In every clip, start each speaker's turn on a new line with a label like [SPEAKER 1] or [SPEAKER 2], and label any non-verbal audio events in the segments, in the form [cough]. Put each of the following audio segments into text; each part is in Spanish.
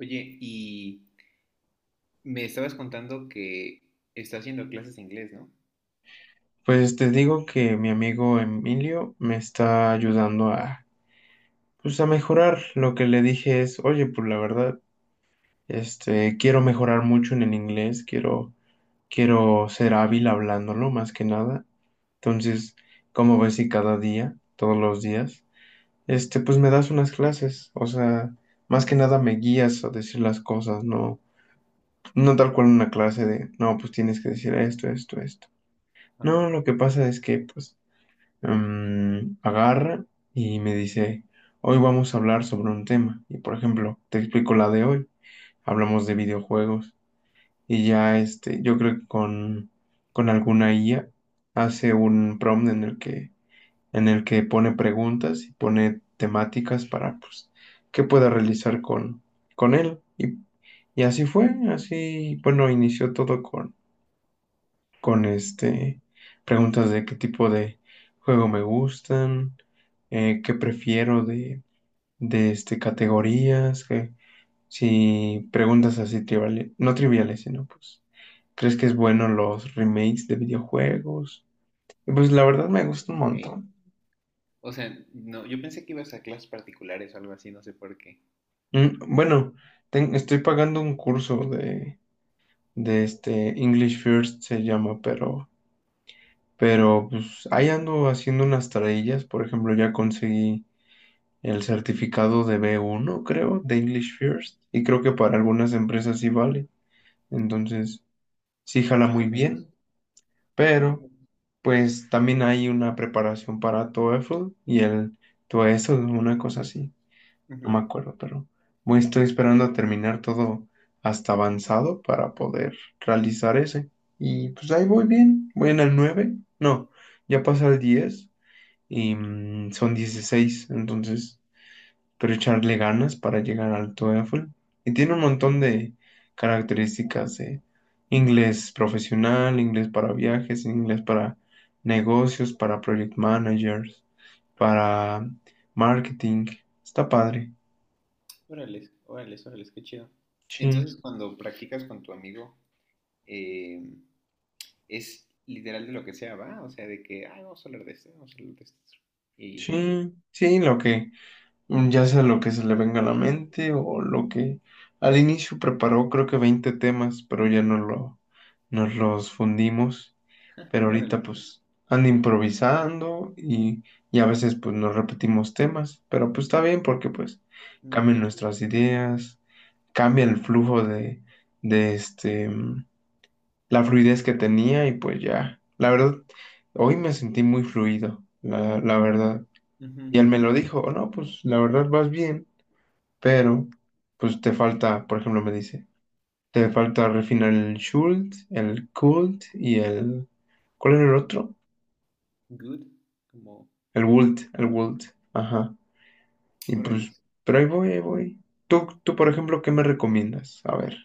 [SPEAKER 1] Oye, y me estabas contando que estás haciendo clases de inglés, ¿no?
[SPEAKER 2] Pues te digo que mi amigo Emilio me está ayudando a, pues, a mejorar. Lo que le dije es: oye, pues la verdad, quiero mejorar mucho en el inglés, quiero ser hábil hablándolo más que nada. Entonces, como ves si cada día, todos los días, pues me das unas clases, o sea, más que nada me guías a decir las cosas, no, no tal cual una clase de: no, pues tienes que decir esto, esto, esto. No,
[SPEAKER 1] Ajá.
[SPEAKER 2] lo que pasa es que, pues, agarra y me dice: hoy vamos a hablar sobre un tema. Y por ejemplo, te explico la de hoy. Hablamos de videojuegos. Y ya, yo creo que con alguna IA hace un prompt en el que pone preguntas y pone temáticas para, pues, que pueda realizar con él. Y así fue. Así, bueno, inició todo con con este preguntas de qué tipo de juego me gustan, qué prefiero de, de categorías, que si preguntas así triviales, no triviales, sino, pues, ¿crees que es bueno los remakes de videojuegos? Y pues la verdad me gusta un
[SPEAKER 1] Ok.
[SPEAKER 2] montón.
[SPEAKER 1] O sea, no, yo pensé que ibas a clases particulares o algo así, no sé por qué.
[SPEAKER 2] Bueno, estoy pagando un curso de, de English First se llama, pero pues ahí ando haciendo unas tareillas. Por ejemplo, ya conseguí el certificado de B1, creo, de English First, y creo que para algunas empresas sí vale. Entonces, sí jala
[SPEAKER 1] Ah,
[SPEAKER 2] muy
[SPEAKER 1] órales.
[SPEAKER 2] bien, pero pues también hay una preparación para TOEFL y el TOESL, una cosa así,
[SPEAKER 1] Ujú.
[SPEAKER 2] no me acuerdo, pero muy estoy esperando a terminar todo hasta avanzado para poder realizar ese. Y pues ahí voy bien, voy en el nueve, no, ya pasa el 10 y, son 16, entonces pero echarle ganas para llegar al TOEFL. Y tiene un montón de características: inglés profesional, inglés para viajes, inglés para negocios, para project managers, para marketing. Está padre.
[SPEAKER 1] Órales, órales, órales, qué chido.
[SPEAKER 2] Sí,
[SPEAKER 1] Entonces, cuando practicas con tu amigo, eh, es literal de lo que sea, ¿va? O sea, de que, ah, vamos a hablar de esto, vamos a hablar de esto. Y,
[SPEAKER 2] sí, sí, lo que, ya sea lo que se le venga a la mente o lo que al inicio preparó creo que 20 temas, pero ya no nos los fundimos. Pero ahorita
[SPEAKER 1] órales,
[SPEAKER 2] pues ando improvisando y a veces pues nos repetimos temas, pero pues está bien porque pues
[SPEAKER 1] mm,
[SPEAKER 2] cambian
[SPEAKER 1] qué chido.
[SPEAKER 2] nuestras ideas, cambia el flujo de, de la fluidez que tenía. Y pues ya, la verdad, hoy me sentí muy fluido, la verdad.
[SPEAKER 1] Ujú.
[SPEAKER 2] Y él me lo dijo: "Oh, no, pues la verdad vas bien, pero pues te falta, por ejemplo, me dice, te falta refinar el Schuld, el Kult y el... ¿cuál era el otro?
[SPEAKER 1] Good, como,
[SPEAKER 2] El Wult, el Wult". Ajá. Y pues,
[SPEAKER 1] órales.
[SPEAKER 2] pero ahí voy, ahí voy. Tú, por ejemplo, ¿qué me recomiendas? A ver.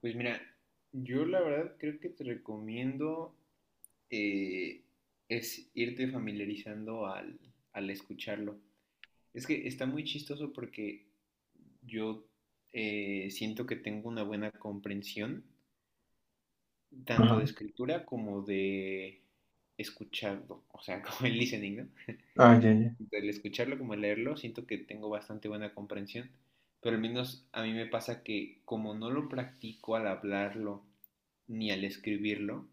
[SPEAKER 1] Pues mira, yo la verdad creo que te recomiendo eh, es irte familiarizando al escucharlo. Es que está muy chistoso porque yo, siento que tengo una buena comprensión tanto
[SPEAKER 2] Ajá.
[SPEAKER 1] de escritura como de escucharlo, o sea, [laughs] como el listening, ¿no?
[SPEAKER 2] Ah, ya, ya.
[SPEAKER 1] Tanto el escucharlo como el leerlo, siento que tengo bastante buena comprensión, pero al menos a mí me pasa que como no lo practico al hablarlo ni al escribirlo,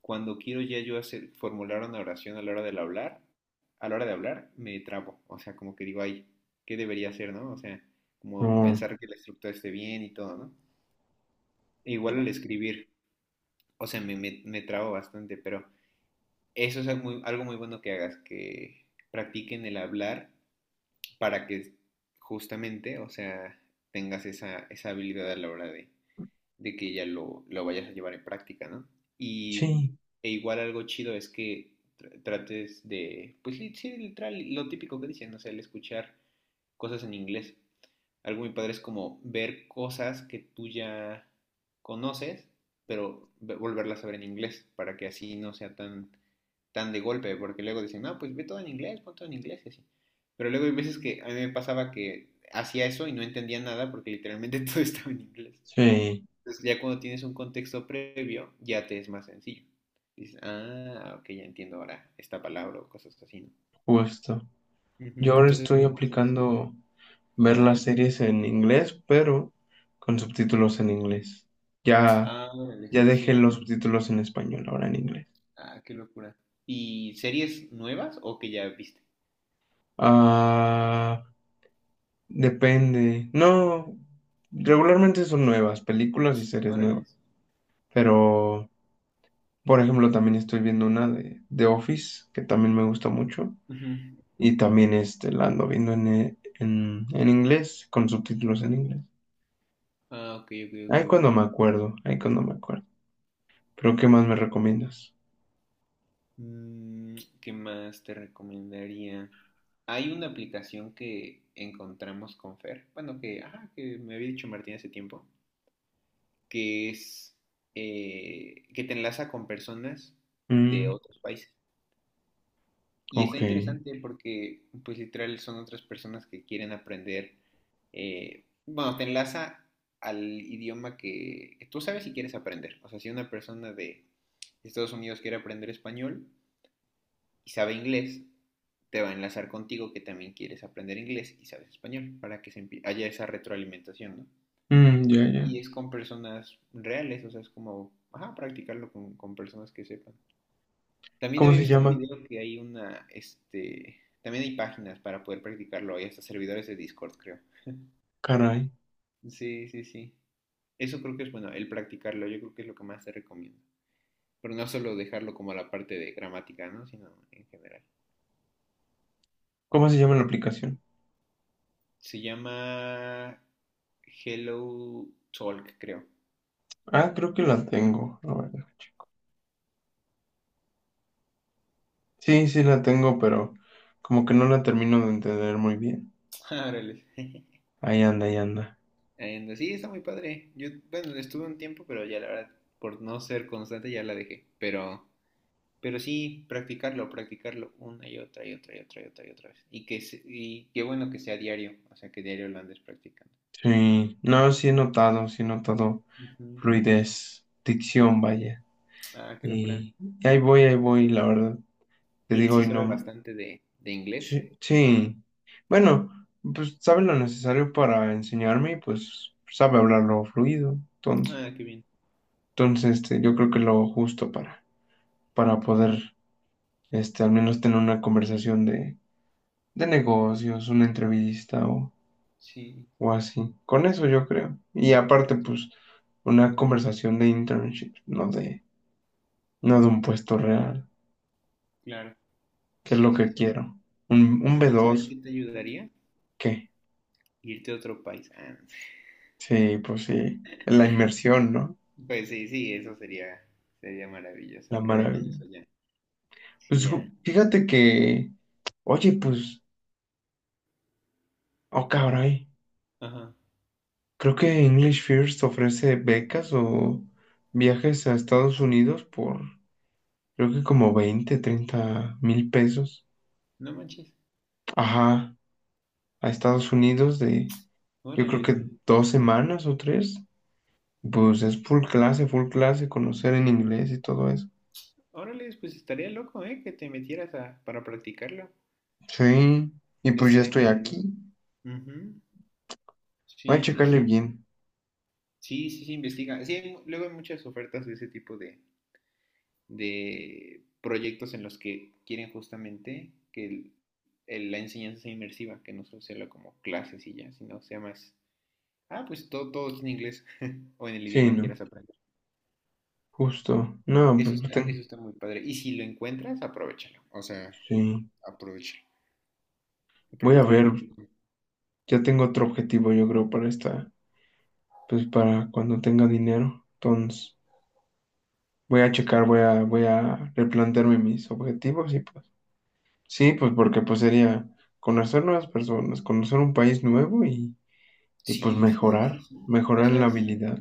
[SPEAKER 1] cuando quiero ya yo hacer, formular una oración a la hora de hablar, a la hora de hablar, me trabo. O sea, como que digo, ay, ¿qué debería hacer, no? O sea, como
[SPEAKER 2] Oh,
[SPEAKER 1] pensar que la estructura esté bien y todo, ¿no? E igual al escribir, o sea, me trabo bastante, pero eso es algo muy bueno que hagas, que practiquen el hablar para que justamente, o sea, tengas esa, esa habilidad a la hora de que ya lo vayas a llevar en práctica, ¿no? Y
[SPEAKER 2] sí,
[SPEAKER 1] e igual algo chido es que trates de, pues sí, literal, lo típico que dicen, o sea, el escuchar cosas en inglés. Algo muy padre es como ver cosas que tú ya conoces, pero volverlas a ver en inglés, para que así no sea tan, tan de golpe, porque luego dicen, no, pues ve todo en inglés, pon todo en inglés y así. Pero luego hay veces que a mí me pasaba que hacía eso y no entendía nada porque literalmente [laughs] todo estaba en inglés.
[SPEAKER 2] sí,
[SPEAKER 1] Entonces, ya cuando tienes un contexto previo, ya te es más sencillo. Dices, ah, ok, ya entiendo ahora esta palabra o cosas así, ¿no?
[SPEAKER 2] justo.
[SPEAKER 1] Ujú.
[SPEAKER 2] Yo ahora
[SPEAKER 1] Entonces,
[SPEAKER 2] estoy
[SPEAKER 1] ¿cómo hacer eso?
[SPEAKER 2] aplicando ver
[SPEAKER 1] Ajá.
[SPEAKER 2] las series en inglés, pero con subtítulos en inglés. Ya,
[SPEAKER 1] Ah, órale,
[SPEAKER 2] ya dejé
[SPEAKER 1] sí.
[SPEAKER 2] los subtítulos en español, ahora en inglés.
[SPEAKER 1] Ah, qué locura. ¿Y series nuevas o que ya viste?
[SPEAKER 2] Ah, depende. No, regularmente son nuevas, películas y series
[SPEAKER 1] Órale.
[SPEAKER 2] nuevas. Pero Por ejemplo, también estoy viendo una de Office, que también me gusta mucho,
[SPEAKER 1] Ujú.
[SPEAKER 2] y también, la ando viendo en inglés, con subtítulos en inglés.
[SPEAKER 1] Ah, ok, ok, ok,
[SPEAKER 2] Ahí
[SPEAKER 1] ok.
[SPEAKER 2] cuando me acuerdo, ahí cuando me acuerdo. Pero, ¿qué más me recomiendas?
[SPEAKER 1] Mm, ¿qué más te recomendaría? Hay una aplicación que encontramos con Fer, bueno, que, ajá, que me había dicho Martín hace tiempo, que es que te enlaza con personas de
[SPEAKER 2] Mm,
[SPEAKER 1] otros países. Y está
[SPEAKER 2] ok.
[SPEAKER 1] interesante porque, pues literal, son otras personas que quieren aprender. Eh, bueno, te enlaza al idioma que tú sabes si quieres aprender. O sea, si una persona de Estados Unidos quiere aprender español y sabe inglés, te va a enlazar contigo que también quieres aprender inglés y sabes español para que haya esa retroalimentación, ¿no?
[SPEAKER 2] Mm, ya, ya.
[SPEAKER 1] Y es con personas reales, o sea, es como, ajá, practicarlo con personas que sepan. También
[SPEAKER 2] ¿Cómo
[SPEAKER 1] había
[SPEAKER 2] se
[SPEAKER 1] visto un
[SPEAKER 2] llama?
[SPEAKER 1] video que hay una, este, también hay páginas para poder practicarlo, hay hasta servidores de Discord, creo.
[SPEAKER 2] Caray.
[SPEAKER 1] Sí, sí, sí. Eso creo que es bueno, el practicarlo, yo creo que es lo que más te recomiendo. Pero no solo dejarlo como a la parte de gramática, ¿no? Sino en general.
[SPEAKER 2] ¿Cómo se llama la aplicación?
[SPEAKER 1] Se llama Hello Talk, creo.
[SPEAKER 2] Ah, creo que la tengo, la verdad. Sí, sí la tengo, pero como que no la termino de entender muy bien.
[SPEAKER 1] [laughs] Órale.
[SPEAKER 2] Ahí anda, ahí anda.
[SPEAKER 1] And, sí, está muy padre. Yo, bueno, estuve un tiempo, pero ya la verdad, por no ser constante, ya la dejé. Pero sí, practicarlo, practicarlo una y otra y otra y otra y otra y otra vez. Y y qué bueno que sea diario, o sea, que diario lo andes practicando.
[SPEAKER 2] Sí, no, sí he notado
[SPEAKER 1] Ujú.
[SPEAKER 2] fluidez, dicción, vaya.
[SPEAKER 1] Ah, qué locura.
[SPEAKER 2] Y ahí voy, la verdad. Te
[SPEAKER 1] Y él
[SPEAKER 2] digo,
[SPEAKER 1] sí
[SPEAKER 2] y
[SPEAKER 1] sabe
[SPEAKER 2] no.
[SPEAKER 1] bastante de inglés.
[SPEAKER 2] Sí, sí. Bueno, pues sabe lo necesario para enseñarme y pues sabe hablarlo fluido. Entonces,
[SPEAKER 1] Ah, qué bien.
[SPEAKER 2] entonces este, yo creo que lo justo para poder, al menos tener una conversación de negocios, una entrevista o,
[SPEAKER 1] Sí, sí,
[SPEAKER 2] o
[SPEAKER 1] sí.
[SPEAKER 2] así. Con eso yo creo. Y aparte, pues, una conversación de internship, no de un puesto real.
[SPEAKER 1] Claro.
[SPEAKER 2] ¿Qué es
[SPEAKER 1] Sí,
[SPEAKER 2] lo
[SPEAKER 1] sí,
[SPEAKER 2] que
[SPEAKER 1] sí.
[SPEAKER 2] quiero? ¿Un
[SPEAKER 1] A mí, ¿sabes
[SPEAKER 2] B2?
[SPEAKER 1] qué
[SPEAKER 2] Dos,
[SPEAKER 1] te ayudaría?
[SPEAKER 2] qué.
[SPEAKER 1] Irte a otro país. Ah,
[SPEAKER 2] Sí, pues sí. La inmersión, ¿no?
[SPEAKER 1] pues sí, sí, eso sería, sería maravilloso.
[SPEAKER 2] La
[SPEAKER 1] Creo que con
[SPEAKER 2] maravilla.
[SPEAKER 1] eso ya,
[SPEAKER 2] Pues
[SPEAKER 1] sí, ya,
[SPEAKER 2] fíjate que, oye, pues, oh caray,
[SPEAKER 1] ajá,
[SPEAKER 2] creo que English First ofrece becas o viajes a Estados Unidos por, creo que como 20, 30,000 pesos.
[SPEAKER 1] no manches,
[SPEAKER 2] Ajá, a Estados Unidos yo creo
[SPEAKER 1] órales,
[SPEAKER 2] que 2 semanas o 3. Pues es full clase, conocer en inglés y todo eso.
[SPEAKER 1] órales, pues estaría loco, ¿eh? Que te metieras a, para practicarlo,
[SPEAKER 2] Sí, y pues ya
[SPEAKER 1] estaría
[SPEAKER 2] estoy
[SPEAKER 1] muy bien.
[SPEAKER 2] aquí.
[SPEAKER 1] Ujú.
[SPEAKER 2] Voy a
[SPEAKER 1] Sí, sí,
[SPEAKER 2] checarle
[SPEAKER 1] sí,
[SPEAKER 2] bien.
[SPEAKER 1] sí, sí, sí, investiga. Sí, hay luego hay muchas ofertas de ese tipo de proyectos en los que quieren justamente que la enseñanza sea inmersiva, que no solo sea lo como clases y ya, sino sea más, ah, pues todo, todo es en inglés [laughs] o en el
[SPEAKER 2] Sí,
[SPEAKER 1] idioma que
[SPEAKER 2] no,
[SPEAKER 1] quieras aprender.
[SPEAKER 2] justo. No, pues pues,
[SPEAKER 1] Eso
[SPEAKER 2] ten-
[SPEAKER 1] está muy padre. Y si lo encuentras, aprovéchalo, o sea,
[SPEAKER 2] Sí,
[SPEAKER 1] aprovéchalo.
[SPEAKER 2] voy
[SPEAKER 1] Porque
[SPEAKER 2] a
[SPEAKER 1] te oyes-
[SPEAKER 2] ver. Ya tengo otro objetivo, yo creo, para esta, pues para cuando tenga dinero. Entonces, voy a checar, voy a replantearme mis objetivos y pues. Sí, pues porque pues sería conocer nuevas personas, conocer un país nuevo y pues
[SPEAKER 1] Sí, sí, sí, sí,
[SPEAKER 2] mejorar,
[SPEAKER 1] sí. O
[SPEAKER 2] mejorar en
[SPEAKER 1] sea,
[SPEAKER 2] la
[SPEAKER 1] es
[SPEAKER 2] habilidad.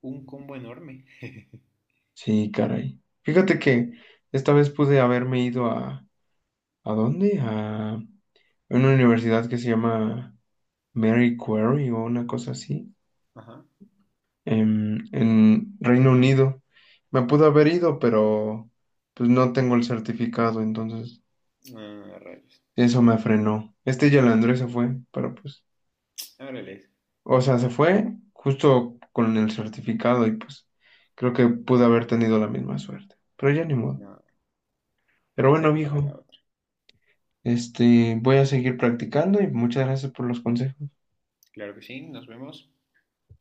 [SPEAKER 1] un combo enorme.
[SPEAKER 2] Sí, caray. Fíjate
[SPEAKER 1] Que-
[SPEAKER 2] que esta vez pude haberme ido ¿a dónde?, en una universidad que se llama Mary Quarry o una cosa así,
[SPEAKER 1] Ajá.
[SPEAKER 2] en Reino Unido. Me pude haber ido, pero pues no tengo el certificado, entonces
[SPEAKER 1] Ah, rayos.
[SPEAKER 2] eso me frenó. Este Yalandré se fue, pero pues,
[SPEAKER 1] Árales.
[SPEAKER 2] o sea, se fue justo con el certificado y pues creo que pude haber tenido la misma suerte, pero ya ni modo.
[SPEAKER 1] No,
[SPEAKER 2] Pero
[SPEAKER 1] ya
[SPEAKER 2] bueno,
[SPEAKER 1] será para la
[SPEAKER 2] viejo,
[SPEAKER 1] otra.
[SPEAKER 2] voy a seguir practicando y muchas gracias por los consejos.
[SPEAKER 1] Claro que sí, nos vemos.